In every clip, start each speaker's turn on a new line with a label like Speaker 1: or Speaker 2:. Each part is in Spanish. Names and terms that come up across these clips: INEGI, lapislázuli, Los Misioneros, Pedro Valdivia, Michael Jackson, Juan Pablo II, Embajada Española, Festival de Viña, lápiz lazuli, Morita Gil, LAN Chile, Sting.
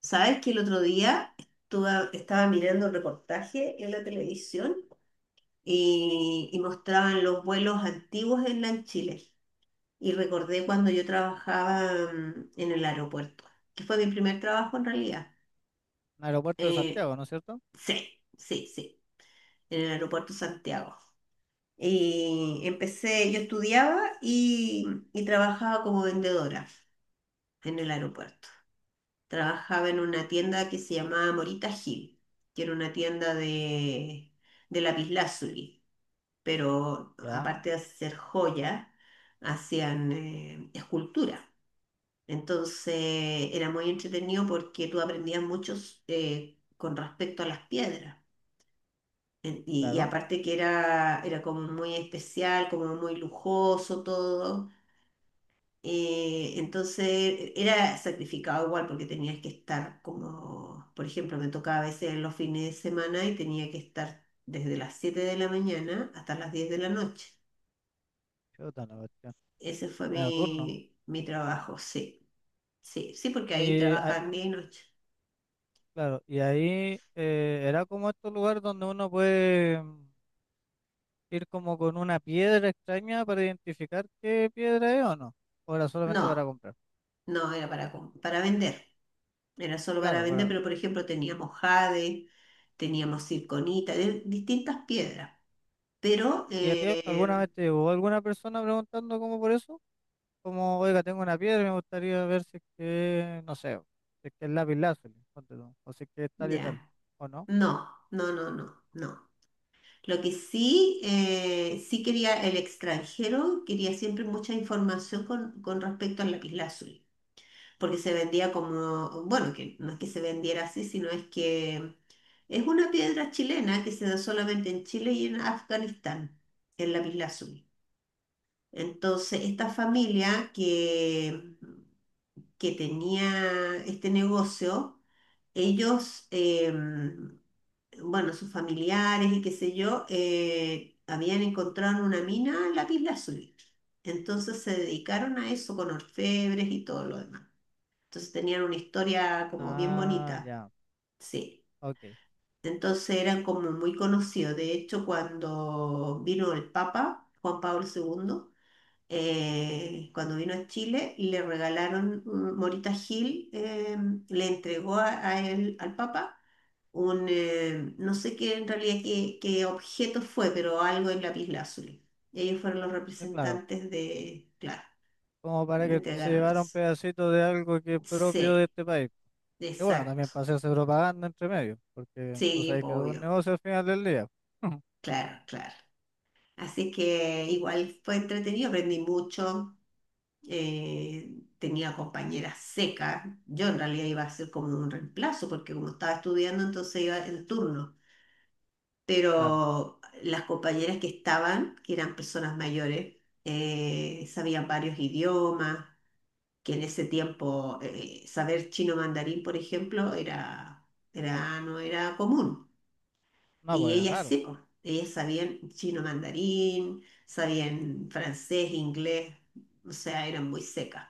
Speaker 1: ¿Sabes que el otro día estaba mirando un reportaje en la televisión y mostraban los vuelos antiguos en LAN Chile? Y recordé cuando yo trabajaba en el aeropuerto, que fue mi primer trabajo en realidad.
Speaker 2: Un aeropuerto de
Speaker 1: Eh,
Speaker 2: Santiago, ¿no es cierto?
Speaker 1: sí, sí, sí, en el aeropuerto Santiago. Y empecé, yo estudiaba y trabajaba como vendedora en el aeropuerto. Trabajaba en una tienda que se llamaba Morita Gil, que era una tienda de lapislázuli, pero
Speaker 2: Ya,
Speaker 1: aparte de hacer joyas, hacían escultura. Entonces era muy entretenido porque tú aprendías mucho con respecto a las piedras. Y
Speaker 2: claro.
Speaker 1: aparte que era como muy especial, como muy lujoso todo. Entonces era sacrificado igual porque tenías que estar como, por ejemplo, me tocaba a veces los fines de semana y tenía que estar desde las 7 de la mañana hasta las 10 de la noche.
Speaker 2: Chuta la cuestión.
Speaker 1: Ese fue
Speaker 2: Medio turno.
Speaker 1: mi trabajo, sí, sí, sí, porque ahí
Speaker 2: Y ah,
Speaker 1: trabajaban día y noche.
Speaker 2: claro, y ahí era como estos lugares donde uno puede ir como con una piedra extraña para identificar qué piedra es o no. O era
Speaker 1: No,
Speaker 2: solamente para comprar.
Speaker 1: no era para vender, era solo para
Speaker 2: Claro,
Speaker 1: vender,
Speaker 2: para.
Speaker 1: pero por ejemplo teníamos jade, teníamos circonita, de distintas piedras, pero
Speaker 2: ¿Y a ti alguna vez te llegó alguna persona preguntando como por eso? Como, oiga, tengo una piedra y me gustaría ver si es que, no sé, si es que es lápiz lazuli, ponte tú, o si es que es tal y tal,
Speaker 1: ya,
Speaker 2: ¿o no?
Speaker 1: no, no, no, no, no. Lo que sí, sí quería el extranjero, quería siempre mucha información con respecto al lapislázuli, porque se vendía como, bueno, que no es que se vendiera así, sino es que es una piedra chilena que se da solamente en Chile y en Afganistán, el lapislázuli. Entonces, esta familia que tenía este negocio, ellos, bueno, sus familiares y qué sé yo, habían encontrado en una mina lapislázuli. Entonces se dedicaron a eso con orfebres y todo lo demás. Entonces tenían una historia como bien
Speaker 2: Ah,
Speaker 1: bonita,
Speaker 2: ya,
Speaker 1: sí.
Speaker 2: ok.
Speaker 1: Entonces eran como muy conocidos. De hecho, cuando vino el Papa, Juan Pablo II, cuando vino a Chile, le regalaron, Morita Gil le entregó a él, al Papa no sé qué en realidad qué objeto fue, pero algo en lapislázuli. Y ellos fueron los
Speaker 2: Sí, claro,
Speaker 1: representantes de, claro,
Speaker 2: como para
Speaker 1: le
Speaker 2: que se
Speaker 1: entregaron
Speaker 2: llevara un
Speaker 1: eso.
Speaker 2: pedacito de algo que es propio de
Speaker 1: Sí,
Speaker 2: este país. Y bueno,
Speaker 1: exacto.
Speaker 2: también para hacerse propaganda entre medio, porque tú
Speaker 1: Sí,
Speaker 2: sabes que
Speaker 1: po,
Speaker 2: es un
Speaker 1: obvio.
Speaker 2: negocio al final del día.
Speaker 1: Claro, claro. Así que igual fue entretenido, aprendí mucho. Tenía compañeras secas. Yo en realidad iba a ser como un reemplazo, porque como estaba estudiando, entonces iba en turno.
Speaker 2: Claro,
Speaker 1: Pero las compañeras que estaban, que eran personas mayores, sabían varios idiomas, que en ese tiempo saber chino mandarín, por ejemplo, no era común.
Speaker 2: no,
Speaker 1: Y
Speaker 2: pues es
Speaker 1: ellas
Speaker 2: raro.
Speaker 1: sí, po, ellas sabían chino mandarín, sabían francés, inglés, o sea, eran muy secas.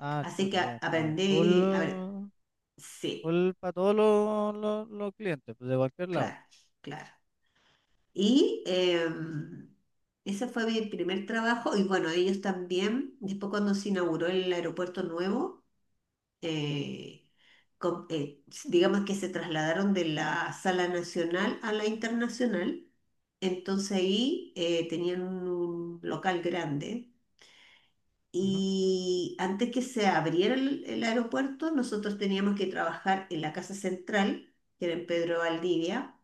Speaker 2: Ah,
Speaker 1: Así que
Speaker 2: chuta, ya está.
Speaker 1: aprendí, a ver,
Speaker 2: Full,
Speaker 1: sí,
Speaker 2: full para todos los, los clientes, pues de cualquier lado.
Speaker 1: claro, claro. Y ese fue mi primer trabajo y bueno, ellos también, después cuando se inauguró el aeropuerto nuevo, eh, com- eh, digamos que se trasladaron de la sala nacional a la internacional, entonces ahí tenían un local grande.
Speaker 2: Ujú.
Speaker 1: Y antes que se abriera el aeropuerto, nosotros teníamos que trabajar en la Casa Central, que era en Pedro Valdivia,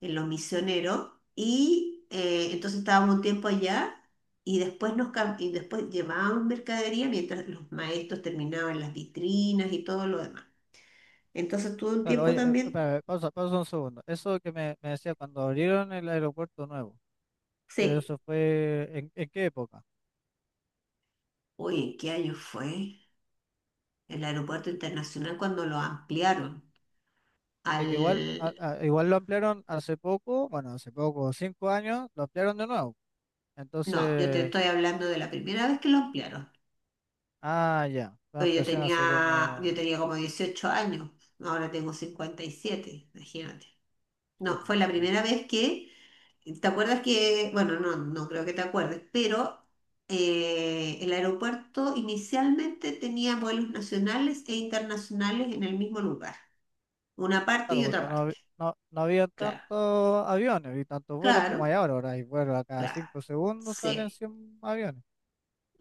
Speaker 1: en Los Misioneros, y entonces estábamos un tiempo allá y después, llevábamos mercadería mientras los maestros terminaban las vitrinas y todo lo demás. Entonces tuve un
Speaker 2: Claro,
Speaker 1: tiempo
Speaker 2: oye,
Speaker 1: también,
Speaker 2: espera, pausa un segundo. Eso que me decía cuando abrieron el aeropuerto nuevo, pero
Speaker 1: sí,
Speaker 2: eso fue, en qué época?
Speaker 1: oye, ¿en qué año fue? El aeropuerto internacional cuando lo ampliaron
Speaker 2: Es que igual,
Speaker 1: al...
Speaker 2: igual lo ampliaron hace poco, bueno, hace poco, 5 años, lo ampliaron de nuevo.
Speaker 1: No, yo te
Speaker 2: Entonces,
Speaker 1: estoy hablando de la primera vez que lo ampliaron.
Speaker 2: ah, ya, fue
Speaker 1: Oye, Yo
Speaker 2: ampliación hace
Speaker 1: tenía, yo
Speaker 2: como...
Speaker 1: tenía como 18 años, ahora tengo 57, imagínate. No,
Speaker 2: Chuta,
Speaker 1: fue la
Speaker 2: ya.
Speaker 1: primera vez que, ¿te acuerdas que, bueno, no, no creo que te acuerdes, pero el aeropuerto inicialmente tenía vuelos nacionales e internacionales en el mismo lugar, una parte
Speaker 2: Claro,
Speaker 1: y otra
Speaker 2: porque no,
Speaker 1: parte?
Speaker 2: no, no había
Speaker 1: Claro,
Speaker 2: tantos aviones y tantos vuelos como
Speaker 1: claro,
Speaker 2: hay ahora. Ahora hay vuelos a cada
Speaker 1: claro.
Speaker 2: 5 segundos, salen
Speaker 1: Sí,
Speaker 2: 100 aviones.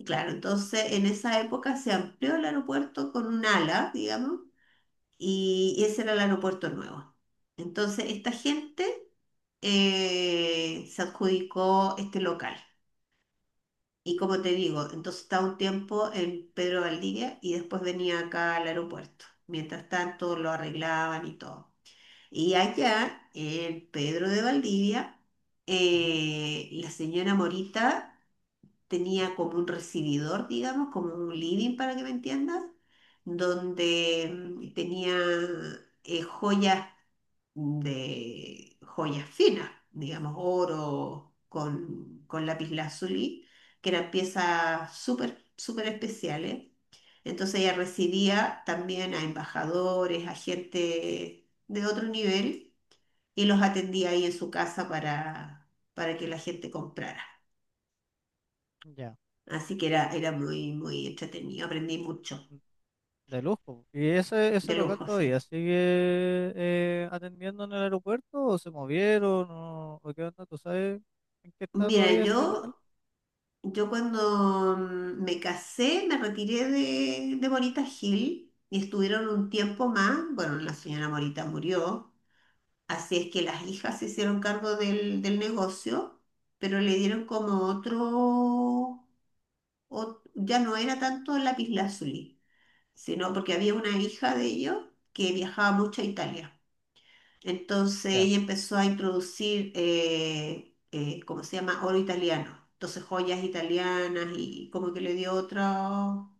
Speaker 1: claro. Entonces, en esa época se amplió el aeropuerto con un ala, digamos, y ese era el aeropuerto nuevo. Entonces, esta gente se adjudicó este local. Y como te digo, entonces estaba un tiempo en Pedro Valdivia y después venía acá al aeropuerto. Mientras tanto, lo arreglaban y todo. Y allá, en Pedro de Valdivia,
Speaker 2: Ujú,
Speaker 1: la señora Morita tenía como un recibidor, digamos, como un living, para que me entiendas, donde tenía joyas de joyas finas, digamos, oro con lapislázuli, que eran piezas súper, súper especiales. Entonces ella recibía también a embajadores, a gente de otro nivel y los atendía ahí en su casa para que la gente comprara.
Speaker 2: ya,
Speaker 1: Así que era muy, muy entretenido, aprendí mucho
Speaker 2: mm, de lujo. ¿Y ese
Speaker 1: de
Speaker 2: local
Speaker 1: lujo,
Speaker 2: todavía
Speaker 1: sí.
Speaker 2: sigue atendiendo en el aeropuerto o se movieron o qué onda? ¿Tú sabes en qué está
Speaker 1: Mira,
Speaker 2: todavía ese
Speaker 1: yo
Speaker 2: local?
Speaker 1: Yo cuando me casé, me retiré de Morita Hill y estuvieron un tiempo más. Bueno, la señora Morita murió, así es que las hijas se hicieron cargo del negocio, pero le dieron como otro, ya no era tanto lapislázuli, sino porque había una hija de ellos que viajaba mucho a Italia. Entonces
Speaker 2: Ya.
Speaker 1: ella empezó a introducir, ¿cómo se llama? Oro italiano. Entonces joyas italianas y como que le dio otro,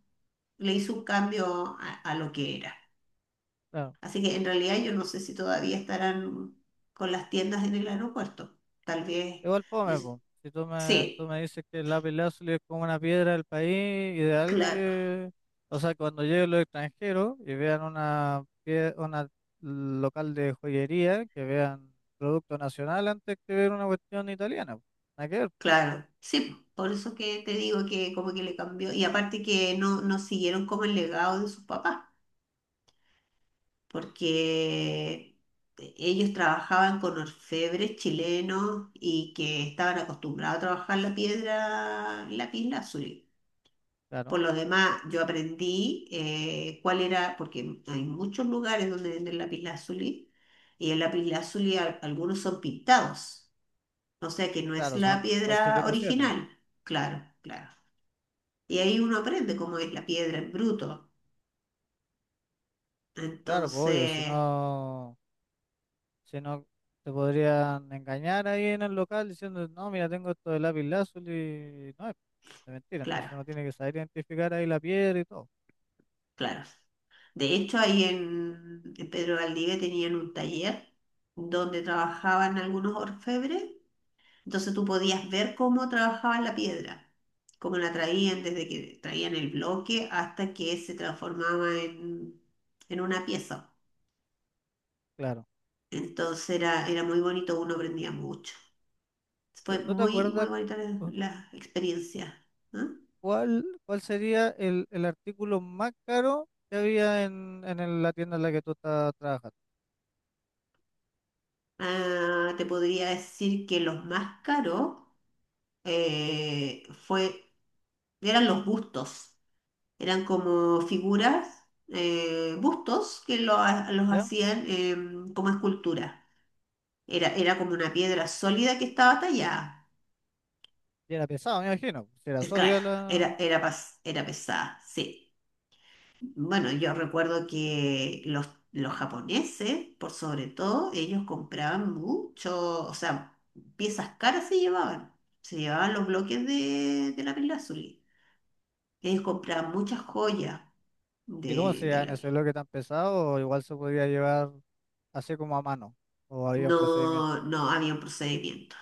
Speaker 1: le hizo un cambio a lo que era.
Speaker 2: Claro.
Speaker 1: Así que en realidad yo no sé si todavía estarán con las tiendas en el aeropuerto. Tal vez,
Speaker 2: Igual
Speaker 1: yo
Speaker 2: fome,
Speaker 1: s-
Speaker 2: po. Si tú tú
Speaker 1: sí,
Speaker 2: me dices que el lápiz lazuli es como una piedra del país, ideal
Speaker 1: claro,
Speaker 2: que, o sea, cuando lleguen los extranjeros y vean una, una local de joyería, que vean producto nacional antes que ver una cuestión italiana, po. Nada que ver,
Speaker 1: claro, sí. Por eso que te digo que como que le cambió. Y aparte que no, no siguieron como el legado de sus papás, porque ellos trabajaban con orfebres chilenos y que estaban acostumbrados a trabajar la piedra lapislázuli. Por
Speaker 2: claro,
Speaker 1: lo demás, yo aprendí cuál era, porque hay muchos lugares donde venden lapislázuli y el lapislázuli, algunos son pintados, o sea que no es
Speaker 2: claro,
Speaker 1: la
Speaker 2: son
Speaker 1: piedra
Speaker 2: falsificaciones.
Speaker 1: original, claro, claro. Y ahí uno aprende cómo es la piedra en bruto.
Speaker 2: Claro, pues obvio, si
Speaker 1: Entonces,
Speaker 2: no, si no te podrían engañar ahí en el local diciendo, no, mira, tengo esto de lápiz lazuli, y no es, es mentira, entonces
Speaker 1: claro.
Speaker 2: uno tiene que saber identificar ahí la piedra y todo.
Speaker 1: Claro. De hecho, ahí en Pedro Valdivia tenían un taller donde trabajaban algunos orfebres, entonces tú podías ver cómo trabajaban la piedra, cómo la traían desde que traían el bloque hasta que se transformaba en una pieza.
Speaker 2: Claro.
Speaker 1: Entonces era muy bonito, uno aprendía mucho. Fue
Speaker 2: ¿Tú te
Speaker 1: muy,
Speaker 2: acuerdas
Speaker 1: muy bonita la,
Speaker 2: cu-
Speaker 1: la experiencia, ¿no?
Speaker 2: cuál, ¿cuál sería el artículo más caro que había en la tienda en la que tú estás trabajando?
Speaker 1: Ah, te podría decir que los más caros fue eran los bustos, eran como figuras, bustos que los
Speaker 2: ¿Ya?
Speaker 1: hacían como escultura. Era como una piedra sólida que estaba tallada.
Speaker 2: Y era pesado, me imagino. Si era
Speaker 1: Claro,
Speaker 2: sólida la...
Speaker 1: era pesada, sí. Bueno, yo recuerdo que los japoneses, por sobre todo, ellos compraban mucho, o sea, piezas caras se llevaban. Se llevaban los bloques de lápiz lazuli. Ellos compraban muchas joyas
Speaker 2: ¿Y cómo
Speaker 1: de,
Speaker 2: se
Speaker 1: de
Speaker 2: llama ese
Speaker 1: lápiz.
Speaker 2: bloque tan pesado? O igual se podía llevar así como a mano. O había un procedimiento.
Speaker 1: No, no había un procedimiento.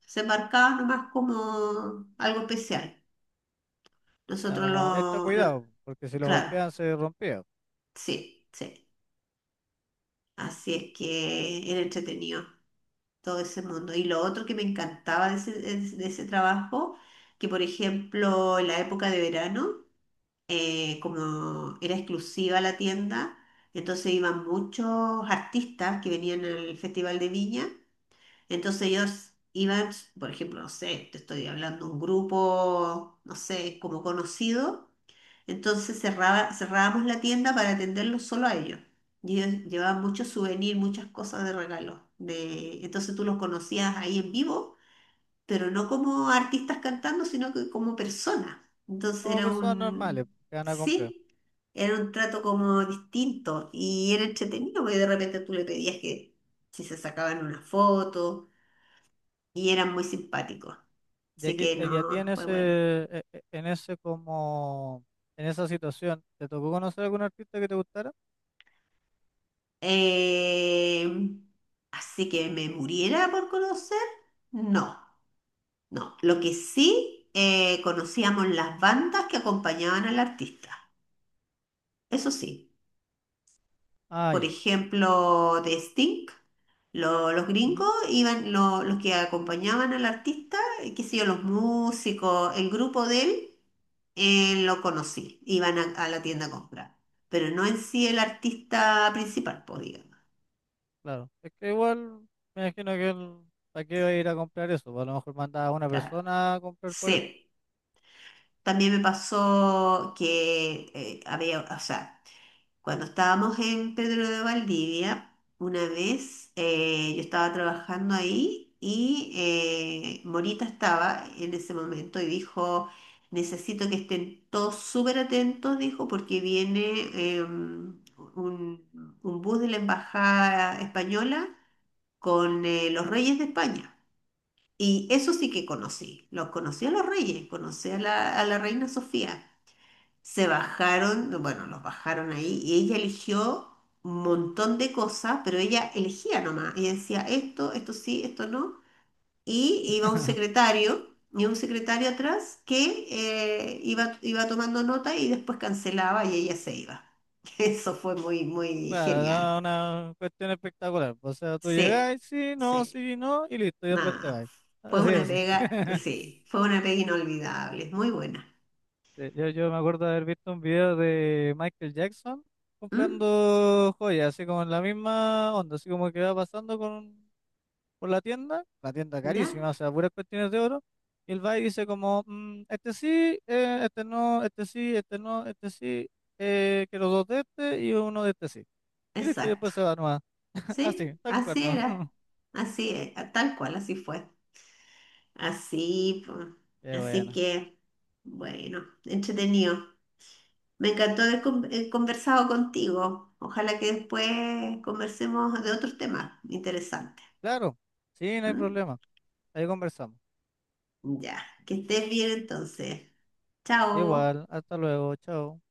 Speaker 1: Se marcaba nomás como algo especial.
Speaker 2: Era
Speaker 1: Nosotros
Speaker 2: como extra
Speaker 1: lo, lo-.
Speaker 2: cuidado, porque si lo
Speaker 1: Claro,
Speaker 2: golpeaban se rompía.
Speaker 1: sí, sí. Así es que era entretenido todo ese mundo. Y lo otro que me encantaba de ese, trabajo, que por ejemplo en la época de verano, como era exclusiva la tienda, entonces iban muchos artistas que venían al Festival de Viña. Entonces ellos iban, por ejemplo, no sé, te estoy hablando un grupo, no sé, como conocido, entonces cerrábamos la tienda para atenderlos solo a ellos. Y ellos llevaban muchos souvenirs, muchas cosas de regalo. De... Entonces tú los conocías ahí en vivo, pero no como artistas cantando, sino que como personas. Entonces
Speaker 2: Como
Speaker 1: era
Speaker 2: personas normales
Speaker 1: un,
Speaker 2: que van a comprar.
Speaker 1: sí, era un trato como distinto y era entretenido, porque de repente tú le pedías que si se sacaban una foto y eran muy simpáticos.
Speaker 2: Y
Speaker 1: Así
Speaker 2: aquí,
Speaker 1: que
Speaker 2: y a ti
Speaker 1: no, fue buena.
Speaker 2: en ese como, en esa situación, ¿te tocó conocer algún artista que te gustara?
Speaker 1: Eh, así que me muriera por conocer, no, no. Lo que sí, conocíamos las bandas que acompañaban al artista. Eso sí.
Speaker 2: Ah,
Speaker 1: Por
Speaker 2: ya.
Speaker 1: ejemplo, de Sting, los gringos
Speaker 2: Ujú,
Speaker 1: iban, los que acompañaban al artista, qué sé yo, los músicos, el grupo de él, lo conocí, iban a la tienda a comprar, pero no en sí el artista principal, pues, digamos,
Speaker 2: claro. Es que igual me imagino que él, ¿para qué va a ir a comprar eso? Pues a lo mejor manda a una
Speaker 1: claro,
Speaker 2: persona a comprar por él.
Speaker 1: sí. También me pasó que había, o sea, cuando estábamos en Pedro de Valdivia, una vez yo estaba trabajando ahí y Morita estaba en ese momento y dijo, necesito que estén todos súper atentos, dijo, porque viene eh, un, un bus de la Embajada Española con los reyes de España. Y eso sí que conocí, los conocí a los reyes, conocí a la reina Sofía. Se bajaron, bueno, los bajaron ahí y ella eligió un montón de cosas, pero ella elegía nomás. Ella decía esto, esto sí, esto no. Y iba un secretario, y un secretario atrás que iba tomando nota y después cancelaba y ella se iba. Eso fue muy, muy
Speaker 2: Claro,
Speaker 1: genial.
Speaker 2: no, una cuestión espectacular. O sea, tú
Speaker 1: Sí,
Speaker 2: llegás, sí, no,
Speaker 1: sí,
Speaker 2: sí, no, y listo, y después te
Speaker 1: nada.
Speaker 2: vas.
Speaker 1: Fue
Speaker 2: Así de
Speaker 1: una
Speaker 2: simple.
Speaker 1: pega, sí, fue una pega inolvidable, muy buena.
Speaker 2: Sí, yo me acuerdo de haber visto un video de Michael Jackson
Speaker 1: ¿Mm?
Speaker 2: comprando joyas, así como en la misma onda, así como que va pasando con por la tienda
Speaker 1: ¿Ya?
Speaker 2: carísima, o sea, puras cuestiones de oro, y él va y dice como, "Mm, este sí, este no, este sí, este no, este sí, quiero dos de este y uno de este sí". Y listo, y
Speaker 1: Exacto.
Speaker 2: después se va nomás. Así,
Speaker 1: Sí,
Speaker 2: tal cual,
Speaker 1: así
Speaker 2: ¿no?
Speaker 1: era. Así es, tal cual, así fue. Así, po.
Speaker 2: Qué
Speaker 1: Así
Speaker 2: bueno.
Speaker 1: que, bueno, entretenido. Me encantó haber
Speaker 2: Ujú.
Speaker 1: conversado contigo. Ojalá que después conversemos de otros temas interesantes.
Speaker 2: Claro, sí, no hay
Speaker 1: ¿M?
Speaker 2: problema. Ahí conversamos.
Speaker 1: Ya, que estés bien entonces. Chao.
Speaker 2: Igual, hasta luego, chao.